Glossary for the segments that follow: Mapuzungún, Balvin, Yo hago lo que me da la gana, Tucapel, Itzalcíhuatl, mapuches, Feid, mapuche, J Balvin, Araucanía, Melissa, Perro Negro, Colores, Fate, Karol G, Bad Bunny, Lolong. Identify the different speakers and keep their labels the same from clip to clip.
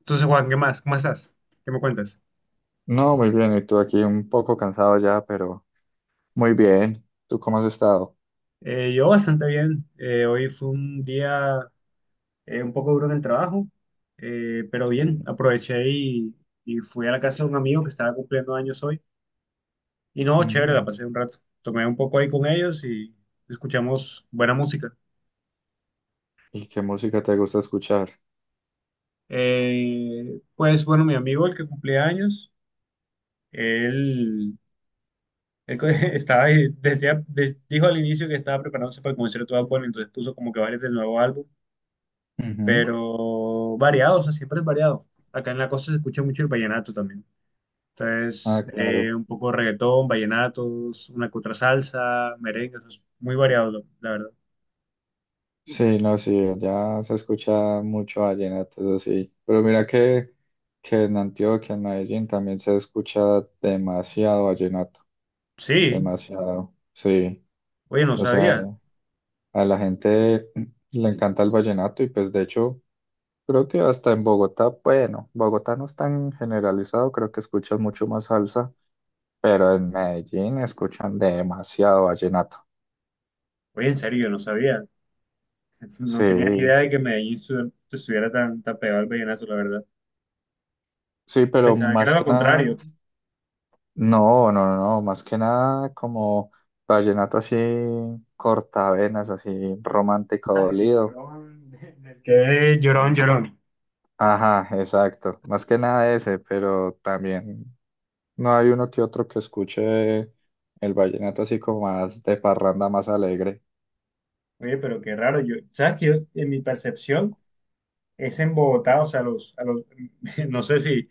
Speaker 1: Entonces, Juan, ¿qué más? ¿Cómo estás? ¿Qué me cuentas?
Speaker 2: No, muy bien. Y tú aquí un poco cansado ya, pero muy bien. ¿Tú cómo has estado?
Speaker 1: Yo bastante bien. Hoy fue un día un poco duro en el trabajo, pero
Speaker 2: Sí.
Speaker 1: bien, aproveché y fui a la casa de un amigo que estaba cumpliendo años hoy. Y no, chévere, la
Speaker 2: Mm.
Speaker 1: pasé un rato. Tomé un poco ahí con ellos y escuchamos buena música.
Speaker 2: ¿Y qué música te gusta escuchar?
Speaker 1: Pues bueno, mi amigo, el que cumplía años, él, estaba, decía, dijo al inicio que estaba preparándose para el concierto de Bad Bunny, entonces puso como que varios del nuevo álbum,
Speaker 2: Ujú.
Speaker 1: pero variado, o sea, siempre es variado. Acá en la costa se escucha mucho el vallenato también.
Speaker 2: Ah,
Speaker 1: Entonces,
Speaker 2: claro.
Speaker 1: un poco reggaetón, vallenatos, una que otra salsa, merengue, o sea, es muy variado, la verdad.
Speaker 2: Sí, no, sí, ya se escucha mucho vallenato, eso sí. Pero mira que en Antioquia, en Medellín, también se escucha demasiado vallenato,
Speaker 1: Sí,
Speaker 2: demasiado, sí.
Speaker 1: oye, no
Speaker 2: O sea,
Speaker 1: sabía.
Speaker 2: a la gente le encanta el vallenato y, pues, de hecho, creo que hasta en Bogotá, bueno, Bogotá no es tan generalizado, creo que escuchan mucho más salsa, pero en Medellín escuchan demasiado vallenato.
Speaker 1: Oye, en serio, yo no sabía. No tenía ni
Speaker 2: Sí,
Speaker 1: idea de que estuviera tan, tan pegado al vallenato, la verdad.
Speaker 2: sí, pero
Speaker 1: Pensaba que era
Speaker 2: más
Speaker 1: lo
Speaker 2: que nada,
Speaker 1: contrario.
Speaker 2: no, no, no, no, más que nada como vallenato así cortavenas, así romántico
Speaker 1: Ah, el
Speaker 2: dolido.
Speaker 1: llorón, del que es llorón, llorón.
Speaker 2: Ajá, exacto, más que nada ese, pero también no hay uno que otro que escuche el vallenato así como más de parranda, más alegre.
Speaker 1: Oye, pero qué raro. Yo, ¿sabes qué? En mi percepción es en Bogotá, o sea, a los, no sé si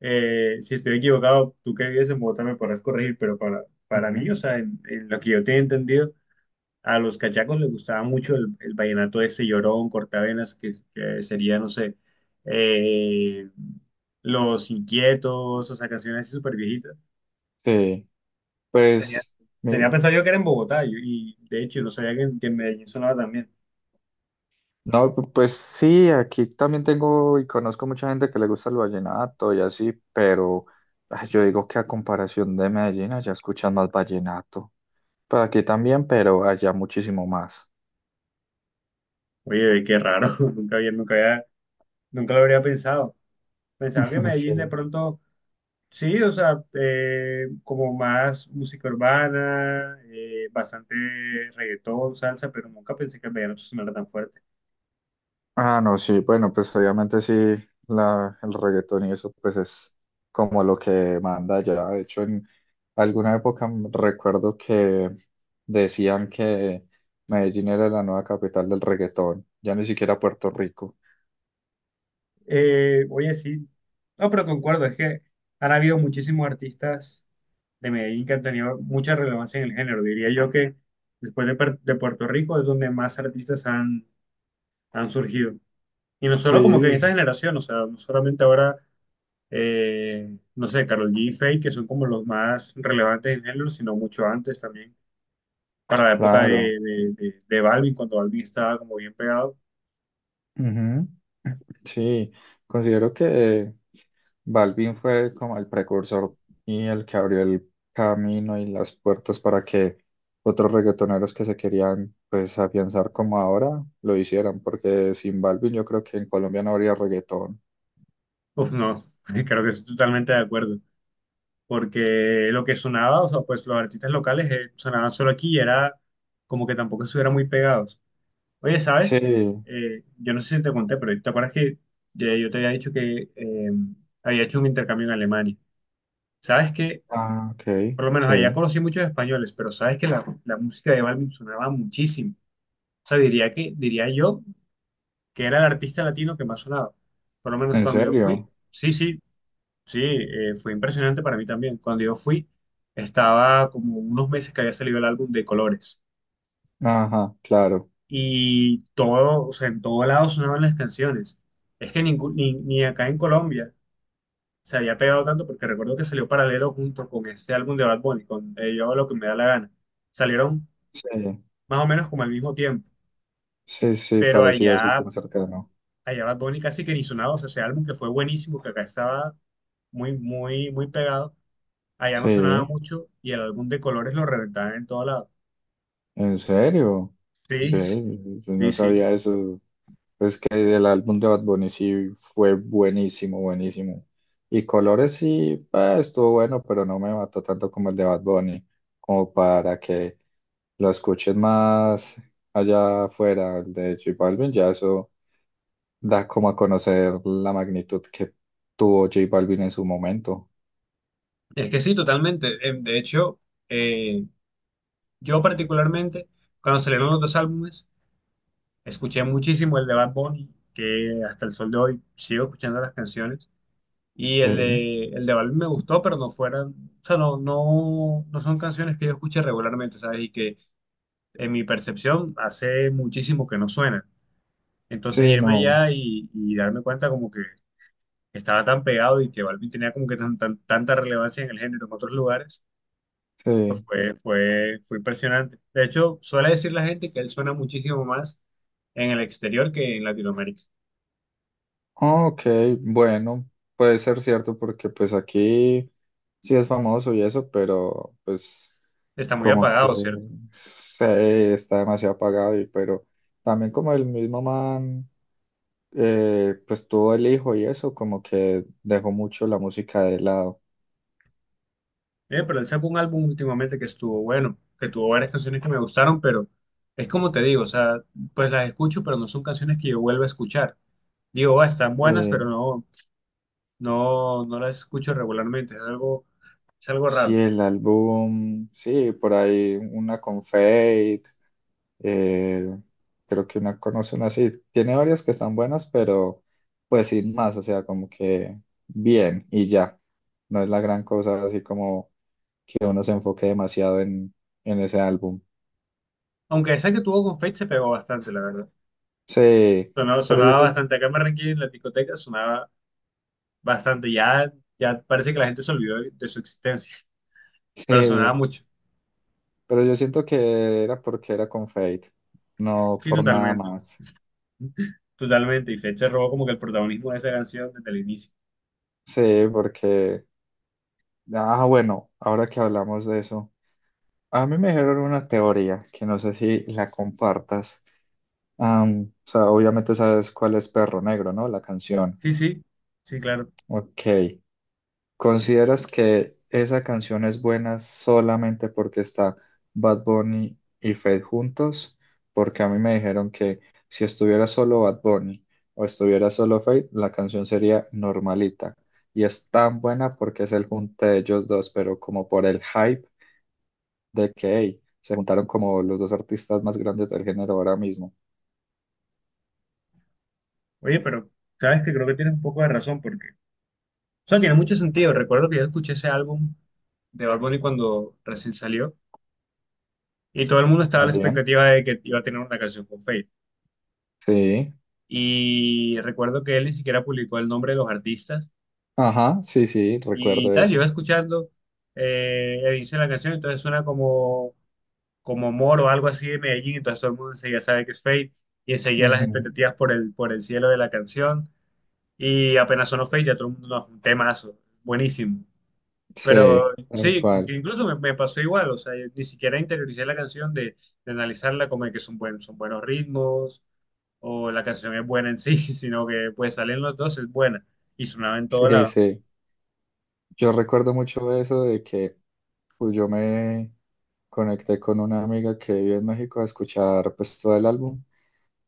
Speaker 1: si estoy equivocado, tú que vives en Bogotá me podrás corregir, pero para mí,
Speaker 2: Ujú.
Speaker 1: o sea, en lo que yo tenía entendido, a los cachacos les gustaba mucho el vallenato ese llorón, cortavenas, que sería, no sé, eh, Los Inquietos, o sea, canciones así súper viejitas.
Speaker 2: Sí.
Speaker 1: Tenía,
Speaker 2: Pues,
Speaker 1: tenía
Speaker 2: mi,
Speaker 1: pensado yo que era en Bogotá, y de hecho, no sabía en que en Medellín sonaba también.
Speaker 2: no, pues sí, aquí también tengo y conozco mucha gente que le gusta el vallenato y así, pero ay, yo digo que a comparación de Medellín, allá escuchan más vallenato. Pues aquí también, pero allá muchísimo más.
Speaker 1: Oye, qué raro, nunca lo habría pensado. Pensaba que
Speaker 2: Sí.
Speaker 1: Medellín de pronto. Sí, o sea, como más música urbana, bastante reggaetón, salsa, pero nunca pensé que el vallenato sonara tan fuerte.
Speaker 2: Ah, no, sí, bueno, pues obviamente sí, el reggaetón y eso, pues, es como lo que manda ya. De hecho, en alguna época recuerdo que decían que Medellín era la nueva capital del reggaetón, ya ni siquiera Puerto Rico.
Speaker 1: Oye, sí, no, pero concuerdo, es que han habido muchísimos artistas de Medellín que han tenido mucha relevancia en el género. Diría yo que después de, de Puerto Rico es donde más artistas han surgido. Y no solo como que en esa
Speaker 2: Sí,
Speaker 1: generación, o sea, no solamente ahora, no sé, Karol G y Feid, que son como los más relevantes en el género, sino mucho antes también. Para la época
Speaker 2: claro.
Speaker 1: de Balvin, cuando Balvin estaba como bien pegado,
Speaker 2: Ujú. Sí, considero que Balvin fue como el precursor y el que abrió el camino y las puertas para que otros reggaetoneros que se querían, pues, afianzar como ahora lo hicieran, porque sin Balvin yo creo que en Colombia no habría reggaetón.
Speaker 1: pues no, creo que estoy totalmente de acuerdo, porque lo que sonaba, o sea, pues los artistas locales sonaban solo aquí y era como que tampoco estuvieran muy pegados. Oye,
Speaker 2: Sí,
Speaker 1: ¿sabes? Yo no sé si te conté, pero ¿te acuerdas que ya yo te había dicho que había hecho un intercambio en Alemania? ¿Sabes que
Speaker 2: ah, ok.
Speaker 1: por lo menos allá
Speaker 2: Sí,
Speaker 1: conocí muchos españoles? Pero sabes que la música de Balvin sonaba muchísimo. O sea, diría que, diría yo, que era el artista latino que más sonaba. Por lo menos
Speaker 2: en
Speaker 1: cuando yo fui,
Speaker 2: serio.
Speaker 1: sí, sí, sí, fue impresionante para mí también. Cuando yo fui, estaba como unos meses que había salido el álbum de Colores
Speaker 2: Ajá, claro.
Speaker 1: y todo, o sea, en todo lado sonaban las canciones. Es que ni acá en Colombia se había pegado tanto porque recuerdo que salió paralelo junto con este álbum de Bad Bunny, con Yo hago lo que me da la gana. Salieron
Speaker 2: Sí,
Speaker 1: más o menos como al mismo tiempo,
Speaker 2: sí, sí,
Speaker 1: pero
Speaker 2: parecido así
Speaker 1: allá,
Speaker 2: como cercano.
Speaker 1: allá Bad Bunny casi que ni sonaba, o sea, ese álbum que fue buenísimo, que acá estaba muy, muy, muy pegado. Allá no sonaba
Speaker 2: Sí,
Speaker 1: mucho y el álbum de colores lo reventaban en todo lado.
Speaker 2: en serio.
Speaker 1: Sí,
Speaker 2: Ve, yo
Speaker 1: sí,
Speaker 2: no
Speaker 1: sí.
Speaker 2: sabía eso. Es que el álbum de Bad Bunny sí fue buenísimo, buenísimo. Y Colores sí, estuvo bueno, pero no me mató tanto como el de Bad Bunny, como para que lo escuches más allá afuera. El de J Balvin, ya eso da como a conocer la magnitud que tuvo J Balvin en su momento.
Speaker 1: Es que sí, totalmente. De hecho, eh, yo particularmente, cuando salieron los dos álbumes, escuché muchísimo el de Bad Bunny, que hasta el sol de hoy sigo escuchando las canciones. Y
Speaker 2: Sí,
Speaker 1: el de Bad Bunny me gustó, pero no fueran, o sea, no son canciones que yo escuche regularmente, ¿sabes? Y que en mi percepción hace muchísimo que no suenan. Entonces
Speaker 2: sí,
Speaker 1: irme
Speaker 2: no,
Speaker 1: allá y darme cuenta como que estaba tan pegado y que Balvin tenía como que tanta relevancia en el género en otros lugares, pues
Speaker 2: sí.
Speaker 1: fue impresionante. De hecho, suele decir la gente que él suena muchísimo más en el exterior que en Latinoamérica.
Speaker 2: Ok, bueno, puede ser cierto porque, pues, aquí sí es famoso y eso, pero pues...
Speaker 1: Está muy
Speaker 2: como que
Speaker 1: apagado, ¿cierto?
Speaker 2: se está demasiado apagado y pero también como el mismo man, pues, tuvo el hijo y eso como que dejó mucho la música de lado.
Speaker 1: Pero él sacó un álbum últimamente que estuvo bueno, que tuvo varias canciones que me gustaron, pero es como te digo, o sea, pues las escucho, pero no son canciones que yo vuelva a escuchar. Digo, ah, están buenas, pero
Speaker 2: eh,
Speaker 1: no las escucho regularmente, es algo
Speaker 2: sí,
Speaker 1: raro.
Speaker 2: el álbum sí, por ahí una con Fate, eh, creo que una conocen así, tiene varias que están buenas, pero, pues, sin más, o sea, como que bien y ya, no es la gran cosa así como que uno se enfoque demasiado en ese álbum.
Speaker 1: Aunque esa que tuvo con Fate se pegó bastante, la verdad.
Speaker 2: Sí,
Speaker 1: Sonaba,
Speaker 2: pero yo,
Speaker 1: sonaba bastante. Acá en Barranquilla, en la discoteca, sonaba bastante. Ya, ya parece que la gente se olvidó de su existencia, pero sonaba
Speaker 2: sí,
Speaker 1: mucho.
Speaker 2: pero yo siento que era porque era con Fate, no
Speaker 1: Sí,
Speaker 2: por nada
Speaker 1: totalmente.
Speaker 2: más.
Speaker 1: Totalmente. Y Fate se robó como que el protagonismo de esa canción desde el inicio.
Speaker 2: Sí, porque, ah, bueno, ahora que hablamos de eso, a mí me dijeron una teoría que no sé si la compartas. O sea, obviamente sabes cuál es Perro Negro, ¿no? La canción.
Speaker 1: Sí, sí. Sí, claro.
Speaker 2: Ok. ¿Consideras que esa canción es buena solamente porque está Bad Bunny y Fate juntos? Porque a mí me dijeron que si estuviera solo Bad Bunny o estuviera solo Fate, la canción sería normalita. Y es tan buena porque es el junte de ellos dos, pero como por el hype de que hey, se juntaron como los dos artistas más grandes del género ahora mismo.
Speaker 1: Oye, pero sabes que creo que tienes un poco de razón porque... O sea, tiene mucho sentido. Recuerdo que yo escuché ese álbum de Bad Bunny cuando recién salió y todo el mundo estaba a la
Speaker 2: También,
Speaker 1: expectativa de que iba a tener una canción con Fate.
Speaker 2: sí,
Speaker 1: Y recuerdo que él ni siquiera publicó el nombre de los artistas
Speaker 2: ajá, sí, sí,
Speaker 1: y
Speaker 2: recuerdo
Speaker 1: tal. Yo
Speaker 2: eso.
Speaker 1: iba escuchando el inicio de la canción, entonces suena como, como Moro o algo así de Medellín, entonces todo el mundo enseguida sabe que es Fate y enseguida las
Speaker 2: Ujú.
Speaker 1: expectativas por el cielo de la canción y apenas sonó Fate ya todo el mundo, "No, un temazo, buenísimo". Pero
Speaker 2: Sí, tal
Speaker 1: sí, que
Speaker 2: cual.
Speaker 1: incluso me pasó igual, o sea, yo ni siquiera interioricé la canción de analizarla como de que son buenos ritmos, o la canción es buena en sí, sino que pues salen los dos, es buena y sonaba en todo
Speaker 2: Sí,
Speaker 1: lado.
Speaker 2: sí. Yo recuerdo mucho eso de que, pues, yo me conecté con una amiga que vive en México a escuchar, pues, todo el álbum,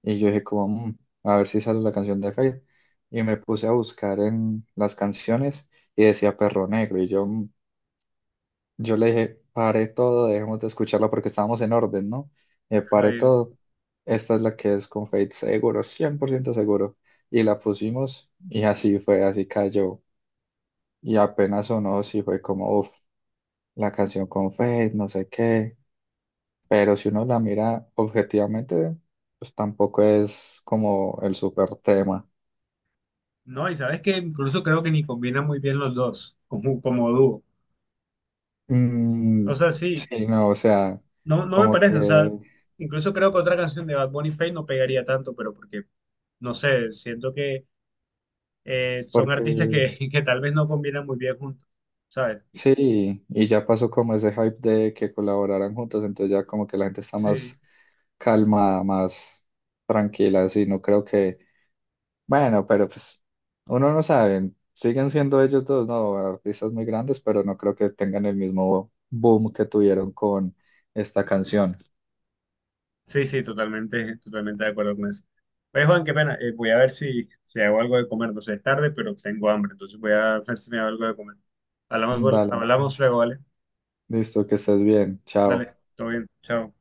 Speaker 2: y yo dije como "Mm, a ver si sale la canción de Fade", y me puse a buscar en las canciones y decía Perro Negro y yo, "Mm". Yo le dije, pare todo, dejemos de escucharla porque estábamos en orden, ¿no? Pare
Speaker 1: Ay,
Speaker 2: todo, esta es la que es con Fade seguro, 100% seguro, y la pusimos y así fue, así cayó, y apenas sonó, sí fue como uff. La canción con Fate, no sé qué, pero si uno la mira objetivamente, pues, tampoco es como el super tema.
Speaker 1: no, y sabes que incluso creo que ni combinan muy bien los dos como, como dúo.
Speaker 2: Mm,
Speaker 1: O sea, sí,
Speaker 2: sí, no, o sea,
Speaker 1: no, no me
Speaker 2: como
Speaker 1: parece, o
Speaker 2: que,
Speaker 1: sea, incluso creo que otra canción de Bad Bunny Feid no pegaría tanto, pero porque, no sé, siento que son
Speaker 2: porque
Speaker 1: artistas que, que tal vez no combinan muy bien juntos, ¿sabes?
Speaker 2: sí, y ya pasó como ese hype de que colaboraran juntos, entonces ya como que la gente está
Speaker 1: Sí.
Speaker 2: más calmada, más tranquila, así, no creo que... Bueno, pero, pues, uno no sabe, siguen siendo ellos dos, ¿no? Artistas muy grandes, pero no creo que tengan el mismo boom que tuvieron con esta canción.
Speaker 1: Sí, sí, totalmente, totalmente de acuerdo con eso. Pues Juan, qué pena, voy a ver si hago algo de comer, no sé, es tarde, pero tengo hambre, entonces voy a ver si me hago algo de comer. Hablamos,
Speaker 2: Dale,
Speaker 1: hablamos
Speaker 2: entonces.
Speaker 1: luego, ¿vale?
Speaker 2: Listo, que estés bien. Chao.
Speaker 1: Dale, todo bien, chao.